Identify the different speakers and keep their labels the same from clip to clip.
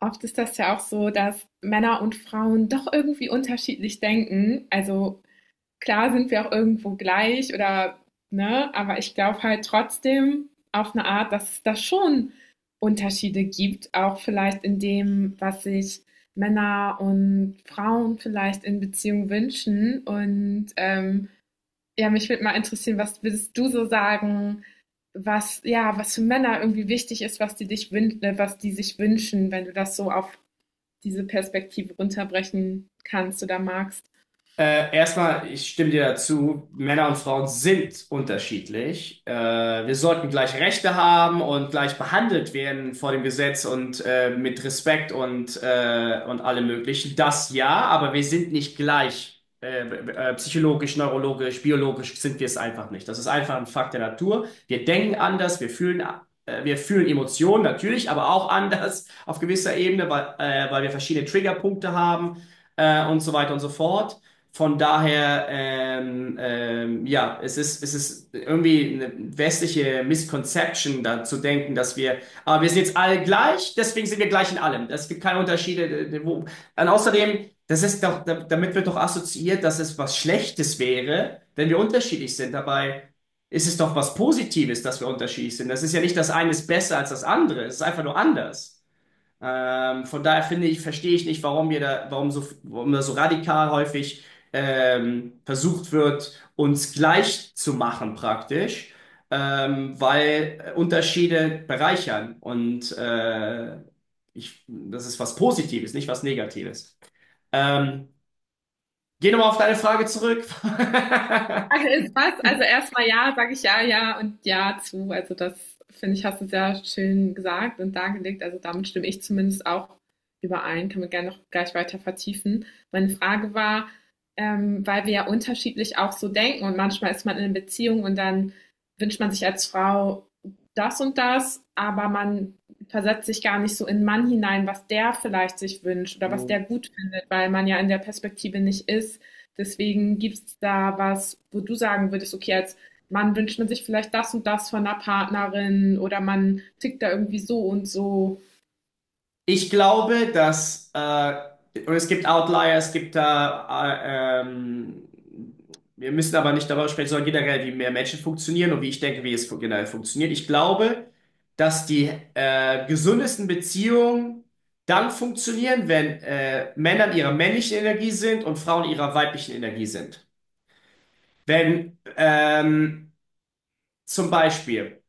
Speaker 1: Oft ist das ja auch so, dass Männer und Frauen doch irgendwie unterschiedlich denken. Also klar sind wir auch irgendwo gleich oder ne, aber ich glaube halt trotzdem auf eine Art, dass es da schon Unterschiede gibt, auch vielleicht in dem, was sich Männer und Frauen vielleicht in Beziehung wünschen. Und ja, mich würde mal interessieren, was würdest du so sagen, was ja, was für Männer irgendwie wichtig ist, was die was die sich wünschen, wenn du das so auf diese Perspektive runterbrechen kannst oder magst?
Speaker 2: Ich stimme dir dazu, Männer und Frauen sind unterschiedlich. Wir sollten gleich Rechte haben und gleich behandelt werden vor dem Gesetz und mit Respekt und und allem Möglichen. Das ja, aber wir sind nicht gleich. Psychologisch, neurologisch, biologisch sind wir es einfach nicht. Das ist einfach ein Fakt der Natur. Wir denken anders, wir fühlen Emotionen natürlich, aber auch anders auf gewisser Ebene, weil wir verschiedene Triggerpunkte haben und so weiter und so fort. Von daher, ja, es ist irgendwie eine westliche Misconception, da zu denken, aber wir sind jetzt alle gleich, deswegen sind wir gleich in allem. Es gibt keine Unterschiede. Und außerdem, das ist doch, da- damit wird doch assoziiert, dass es was Schlechtes wäre, wenn wir unterschiedlich sind. Dabei ist es doch was Positives, dass wir unterschiedlich sind. Das ist ja nicht das eine ist besser als das andere, es ist einfach nur anders. Von daher finde ich, verstehe ich nicht, warum da so radikal häufig versucht wird, uns gleich zu machen praktisch, weil Unterschiede bereichern und das ist was Positives, nicht was Negatives. Ähm, Geh nochmal auf deine Frage zurück.
Speaker 1: Frage ist was? Also erstmal ja, sage ich ja, ja und ja zu. Also das finde ich, hast du sehr schön gesagt und dargelegt. Also damit stimme ich zumindest auch überein. Kann man gerne noch gleich weiter vertiefen. Meine Frage war, weil wir ja unterschiedlich auch so denken und manchmal ist man in einer Beziehung und dann wünscht man sich als Frau das und das, aber man versetzt sich gar nicht so in den Mann hinein, was der vielleicht sich wünscht oder was
Speaker 2: Hm.
Speaker 1: der gut findet, weil man ja in der Perspektive nicht ist. Deswegen gibt es da was, wo du sagen würdest, okay, als Mann wünscht man sich vielleicht das und das von einer Partnerin oder man tickt da irgendwie so und so.
Speaker 2: Ich glaube, dass es gibt Outlier, es gibt da wir müssen aber nicht darüber sprechen, sondern generell, wie mehr Menschen funktionieren und wie ich denke, generell funktioniert. Ich glaube, dass die gesündesten Beziehungen dann funktionieren, wenn Männer in ihrer männlichen Energie sind und Frauen in ihrer weiblichen Energie sind. Wenn Zum Beispiel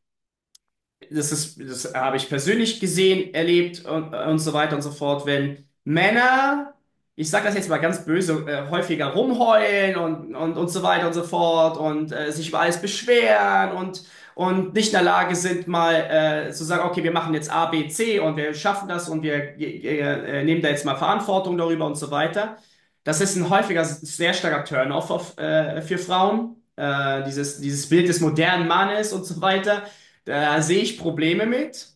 Speaker 2: das habe ich persönlich gesehen, erlebt und so weiter und so fort, wenn Männer, ich sage das jetzt mal ganz böse, häufiger rumheulen und so weiter und so fort und sich über alles beschweren und nicht in der Lage sind, mal zu sagen, okay, wir machen jetzt A, B, C und wir schaffen das und wir nehmen da jetzt mal Verantwortung darüber und so weiter. Das ist ein häufiger, sehr starker Turn-off für Frauen. Dieses Bild des modernen Mannes und so weiter, da sehe ich Probleme mit,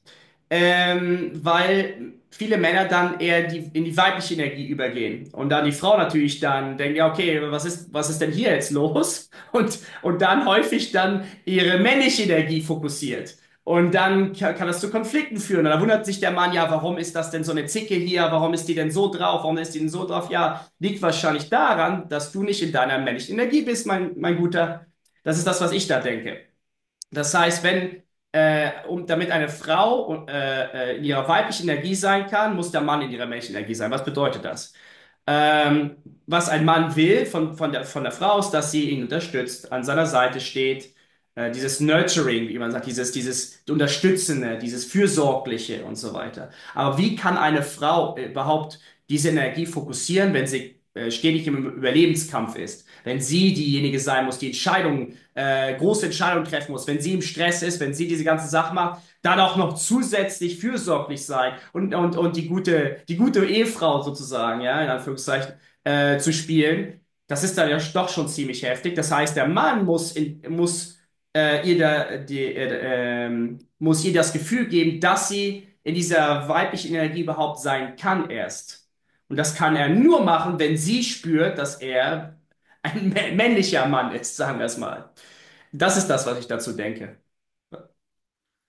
Speaker 2: weil viele Männer dann eher in die weibliche Energie übergehen. Und dann die Frau natürlich dann denkt, ja, okay, was ist denn hier jetzt los? Und dann häufig dann ihre männliche Energie fokussiert. Und dann kann das zu Konflikten führen. Und da wundert sich der Mann, ja, warum ist das denn so eine Zicke hier? Warum ist die denn so drauf? Warum ist die denn so drauf? Ja, liegt wahrscheinlich daran, dass du nicht in deiner männlichen Energie bist, mein Guter. Das ist das, was ich da denke. Das heißt, wenn, um, damit eine Frau in ihrer weiblichen Energie sein kann, muss der Mann in ihrer männlichen Energie sein. Was bedeutet das? Ähm, Was ein Mann will von der Frau ist, dass sie ihn unterstützt, an seiner Seite steht, dieses Nurturing, wie man sagt, dieses Unterstützende, dieses Fürsorgliche und so weiter. Aber wie kann eine Frau überhaupt diese Energie fokussieren, wenn sie stetig im Überlebenskampf ist? Wenn sie diejenige sein muss, die große Entscheidungen treffen muss, wenn sie im Stress ist, wenn sie diese ganze Sache macht, dann auch noch zusätzlich fürsorglich sein und die die gute Ehefrau sozusagen, ja, in Anführungszeichen, zu spielen. Das ist dann ja doch schon ziemlich heftig. Das heißt, der Mann muss, in, muss ihr da, die, muss ihr das Gefühl geben, dass sie in dieser weiblichen Energie überhaupt sein kann erst. Und das kann er nur machen, wenn sie spürt, dass er ein männlicher Mann ist, sagen wir es mal. Das ist das, was ich dazu denke.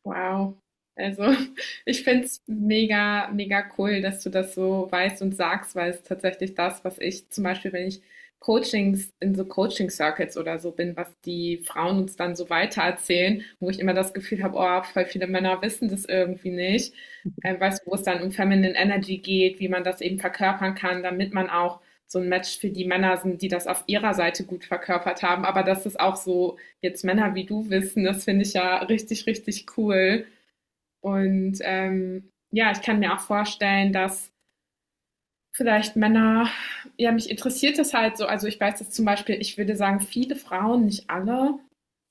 Speaker 1: Wow. Also, ich finde es mega, mega cool, dass du das so weißt und sagst, weil es tatsächlich das, was ich zum Beispiel, wenn ich Coachings in so Coaching-Circuits oder so bin, was die Frauen uns dann so weitererzählen, wo ich immer das Gefühl habe, oh, voll viele Männer wissen das irgendwie nicht. Weißt du, wo es dann um Feminine Energy geht, wie man das eben verkörpern kann, damit man auch so ein Match für die Männer sind, die das auf ihrer Seite gut verkörpert haben, aber dass es auch so jetzt Männer wie du wissen. Das finde ich ja richtig, richtig cool. Und ja, ich kann mir auch vorstellen, dass vielleicht Männer, ja, mich interessiert das halt so. Also ich weiß das zum Beispiel, ich würde sagen, viele Frauen, nicht alle,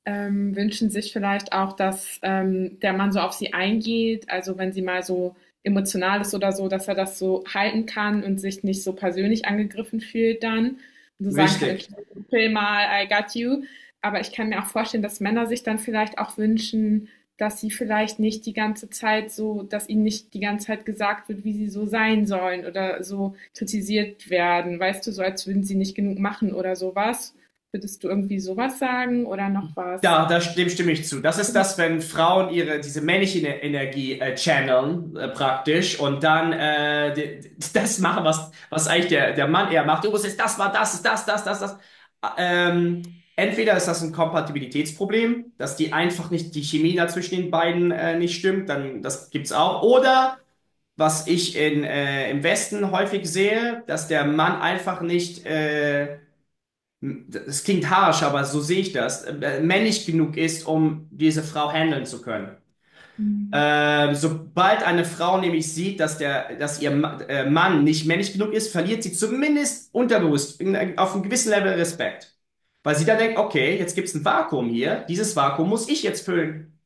Speaker 1: wünschen sich vielleicht auch, dass der Mann so auf sie eingeht, also wenn sie mal so emotional ist oder so, dass er das so halten kann und sich nicht so persönlich angegriffen fühlt dann und so sagen kann,
Speaker 2: Richtig.
Speaker 1: okay, chill mal, I got you. Aber ich kann mir auch vorstellen, dass Männer sich dann vielleicht auch wünschen, dass sie vielleicht nicht die ganze Zeit so, dass ihnen nicht die ganze Zeit gesagt wird, wie sie so sein sollen oder so kritisiert werden. Weißt du, so als würden sie nicht genug machen oder sowas. Würdest du irgendwie sowas sagen oder noch was?
Speaker 2: Dem stimme ich zu. Das ist das, wenn Frauen ihre diese männliche Energie channeln praktisch und dann das machen, was eigentlich der Mann eher macht. Du musst jetzt das war das ist das das das das. Ähm, Entweder ist das ein Kompatibilitätsproblem, dass die einfach nicht die Chemie da zwischen den beiden nicht stimmt, dann das gibt's auch. Oder was ich in im Westen häufig sehe, dass der Mann einfach nicht das klingt harsch, aber so sehe ich das, männlich genug ist, um diese Frau handeln zu können.
Speaker 1: Mhm.
Speaker 2: Sobald eine Frau nämlich sieht, dass ihr Mann nicht männlich genug ist, verliert sie zumindest unterbewusst auf einem gewissen Level Respekt. Weil sie dann denkt, okay, jetzt gibt es ein Vakuum hier, dieses Vakuum muss ich jetzt füllen.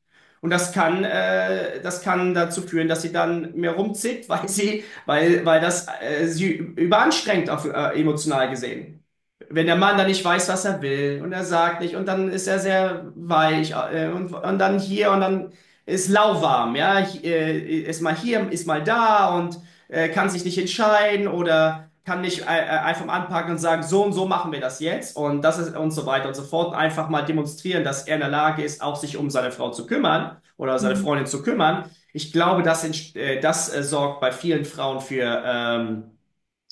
Speaker 2: Und das das kann dazu führen, dass sie dann mehr rumzickt, weil das sie überanstrengt emotional gesehen. Wenn der Mann dann nicht weiß, was er will und er sagt nicht und dann ist er sehr weich und dann hier und dann ist lauwarm, ja, ist mal hier, ist mal da und kann sich nicht entscheiden oder kann nicht einfach anpacken und sagen, so und so machen wir das jetzt und das ist und so weiter und so fort. Einfach mal demonstrieren, dass er in der Lage ist, auch sich um seine Frau zu kümmern oder seine Freundin zu kümmern. Ich glaube, das sorgt bei vielen Frauen für, ähm,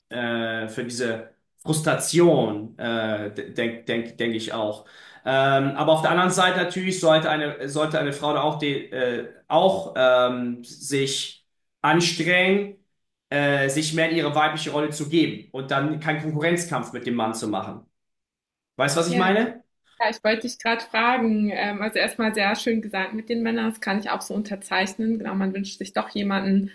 Speaker 2: äh, für diese Frustration, denk ich auch. Aber auf der anderen Seite natürlich sollte sollte eine Frau da auch, sich anstrengen, sich mehr in ihre weibliche Rolle zu geben und dann keinen Konkurrenzkampf mit dem Mann zu machen. Weißt du, was ich
Speaker 1: Ja,
Speaker 2: meine?
Speaker 1: ja, ich wollte dich gerade fragen. Also erstmal sehr schön gesagt mit den Männern, das kann ich auch so unterzeichnen. Genau, man wünscht sich doch jemanden.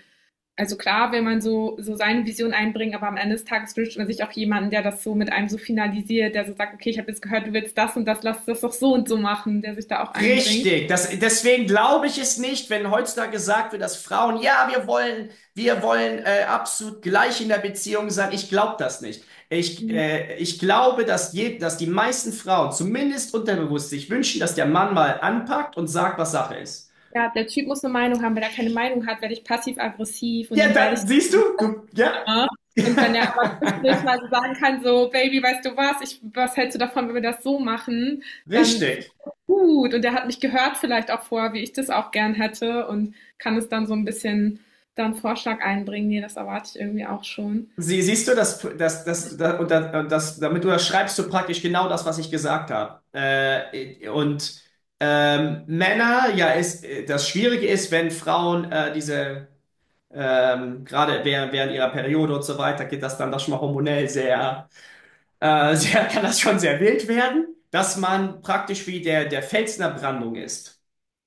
Speaker 1: Also klar, will man so, so seine Vision einbringen, aber am Ende des Tages wünscht man sich auch jemanden, der das so mit einem so finalisiert, der so sagt, okay, ich habe jetzt gehört, du willst das und das, lass das doch so und so machen, der sich da auch einbringt.
Speaker 2: Richtig, das, deswegen glaube ich es nicht, wenn heutzutage gesagt wird, dass Frauen, ja, wir wollen absolut gleich in der Beziehung sein. Ich glaube das nicht. Ich glaube, dass die meisten Frauen zumindest unterbewusst sich wünschen, dass der Mann mal anpackt und sagt, was Sache ist.
Speaker 1: Ja, der Typ muss eine Meinung haben. Wenn er keine Meinung hat, werde ich passiv-aggressiv und
Speaker 2: Ja,
Speaker 1: dann werde ich,
Speaker 2: dann siehst du, ja.
Speaker 1: ne? Und wenn er aber zwischendurch mal so sagen kann, so, Baby, weißt du was, ich, was hältst du davon, wenn wir das so machen, dann
Speaker 2: Richtig.
Speaker 1: gut. Und er hat mich gehört vielleicht auch vorher, wie ich das auch gern hätte und kann es dann so ein bisschen dann Vorschlag einbringen. Nee, das erwarte ich irgendwie auch schon.
Speaker 2: Siehst du, dass, dass, dass, da- und da- und das, damit du das schreibst du praktisch genau das, was ich gesagt habe. Männer, ja, das Schwierige ist, wenn Frauen gerade während ihrer Periode und so weiter, geht das dann doch schon mal hormonell sehr, kann das schon sehr wild werden, dass man praktisch wie der Fels in der Brandung ist,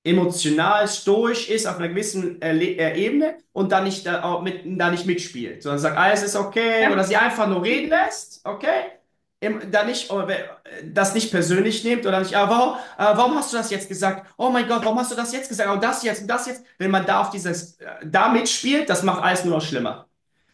Speaker 2: emotional stoisch ist auf einer gewissen Ebene und da nicht mitspielt, sondern sagt, alles ist okay
Speaker 1: Ja.
Speaker 2: oder sie einfach nur reden lässt, okay? Im, da nicht, Das nicht persönlich nimmt oder nicht, warum hast du das jetzt gesagt? Oh mein Gott, warum hast du das jetzt gesagt? Und das jetzt und das jetzt. Wenn man da auf da mitspielt, das macht alles nur noch schlimmer.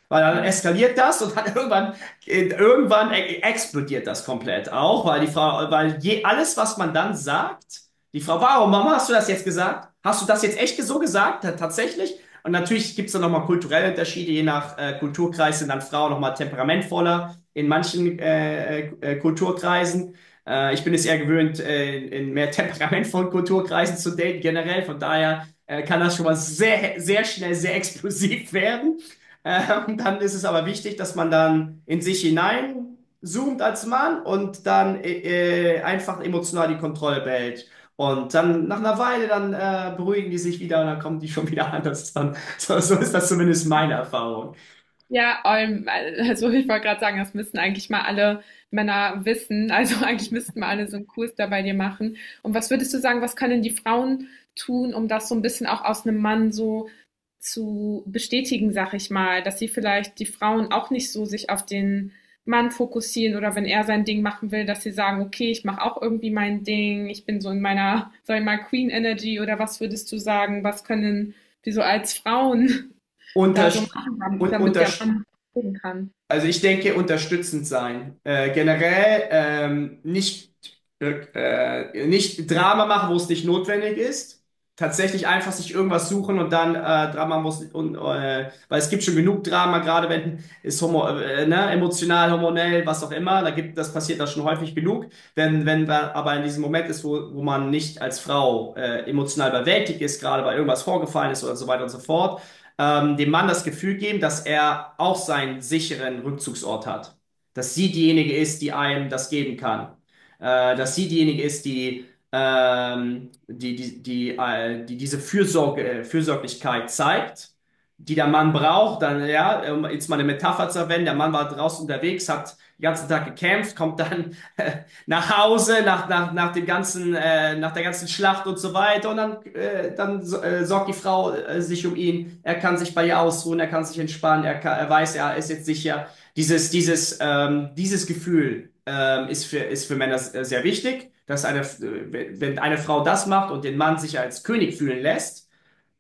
Speaker 2: Weil dann
Speaker 1: Ja.
Speaker 2: eskaliert das und dann irgendwann explodiert das komplett auch, weil die Frau, weil je, alles, was man dann sagt, die Frau, warum, Mama, hast du das jetzt gesagt? Hast du das jetzt echt so gesagt? Tatsächlich? Und natürlich gibt es dann nochmal kulturelle Unterschiede, je nach Kulturkreis sind dann Frauen nochmal temperamentvoller in manchen Kulturkreisen. Ich bin es eher gewöhnt, in mehr temperamentvollen Kulturkreisen zu daten generell, von daher kann das schon mal sehr explosiv werden. Dann ist es aber wichtig, dass man dann in sich hinein zoomt als Mann und dann einfach emotional die Kontrolle behält. Und dann nach einer Weile, dann beruhigen die sich wieder und dann kommen die schon wieder an. Das ist dann, so ist das zumindest meine Erfahrung.
Speaker 1: Ja, also ich wollte gerade sagen, das müssten eigentlich mal alle Männer wissen. Also eigentlich müssten mal alle so einen Kurs da bei dir machen. Und was würdest du sagen, was können die Frauen tun, um das so ein bisschen auch aus einem Mann so zu bestätigen, sag ich mal, dass sie vielleicht die Frauen auch nicht so sich auf den Mann fokussieren oder wenn er sein Ding machen will, dass sie sagen, okay, ich mache auch irgendwie mein Ding, ich bin so in meiner, sag ich mal, Queen Energy oder was würdest du sagen, was können wir so als Frauen da so
Speaker 2: Unterst
Speaker 1: machen,
Speaker 2: und
Speaker 1: damit der
Speaker 2: unterst
Speaker 1: Mann gucken kann?
Speaker 2: Also ich denke, unterstützend sein. Generell nicht Drama machen, wo es nicht notwendig ist. Tatsächlich einfach sich irgendwas suchen und dann Drama muss und weil es gibt schon genug Drama, gerade wenn es emotional, hormonell, was auch immer, da gibt das passiert das schon häufig genug. Wenn da aber in diesem Moment ist, wo man nicht als Frau emotional überwältigt ist, gerade weil irgendwas vorgefallen ist oder so weiter und so fort, dem Mann das Gefühl geben, dass er auch seinen sicheren Rückzugsort hat. Dass sie diejenige ist, die einem das geben kann. Dass sie diejenige ist, die diese Fürsorglichkeit zeigt, die der Mann braucht. Dann, ja, um jetzt mal eine Metapher zu verwenden, der Mann war draußen unterwegs, hat den ganzen Tag gekämpft, kommt dann nach Hause, nach dem ganzen, nach der ganzen Schlacht und so weiter. Und dann, sorgt die Frau sich um ihn. Er kann sich bei ihr ausruhen, er kann sich entspannen, er weiß, er ist jetzt sicher. Dieses Gefühl ist ist für Männer sehr wichtig, wenn eine Frau das macht und den Mann sich als König fühlen lässt,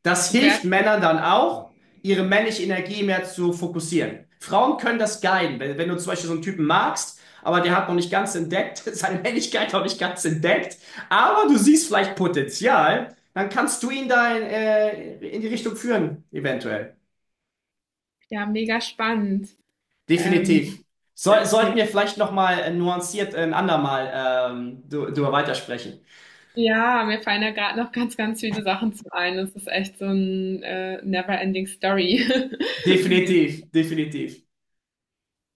Speaker 2: das
Speaker 1: Wäre
Speaker 2: hilft Männern dann auch, ihre männliche Energie mehr zu fokussieren. Frauen können das guiden. Wenn du zum Beispiel so einen Typen magst, aber der hat noch nicht ganz entdeckt, seine Männlichkeit noch nicht ganz entdeckt, aber du siehst vielleicht Potenzial, dann kannst du ihn in die Richtung führen, eventuell.
Speaker 1: ja mega spannend. Ähm,
Speaker 2: Definitiv. Sollten wir vielleicht nochmal nuanciert ein andermal darüber weitersprechen.
Speaker 1: ja, mir fallen da gerade noch ganz, ganz viele Sachen zu ein. Es ist echt so ein never-ending Story, in dem.
Speaker 2: Definitiv, definitiv.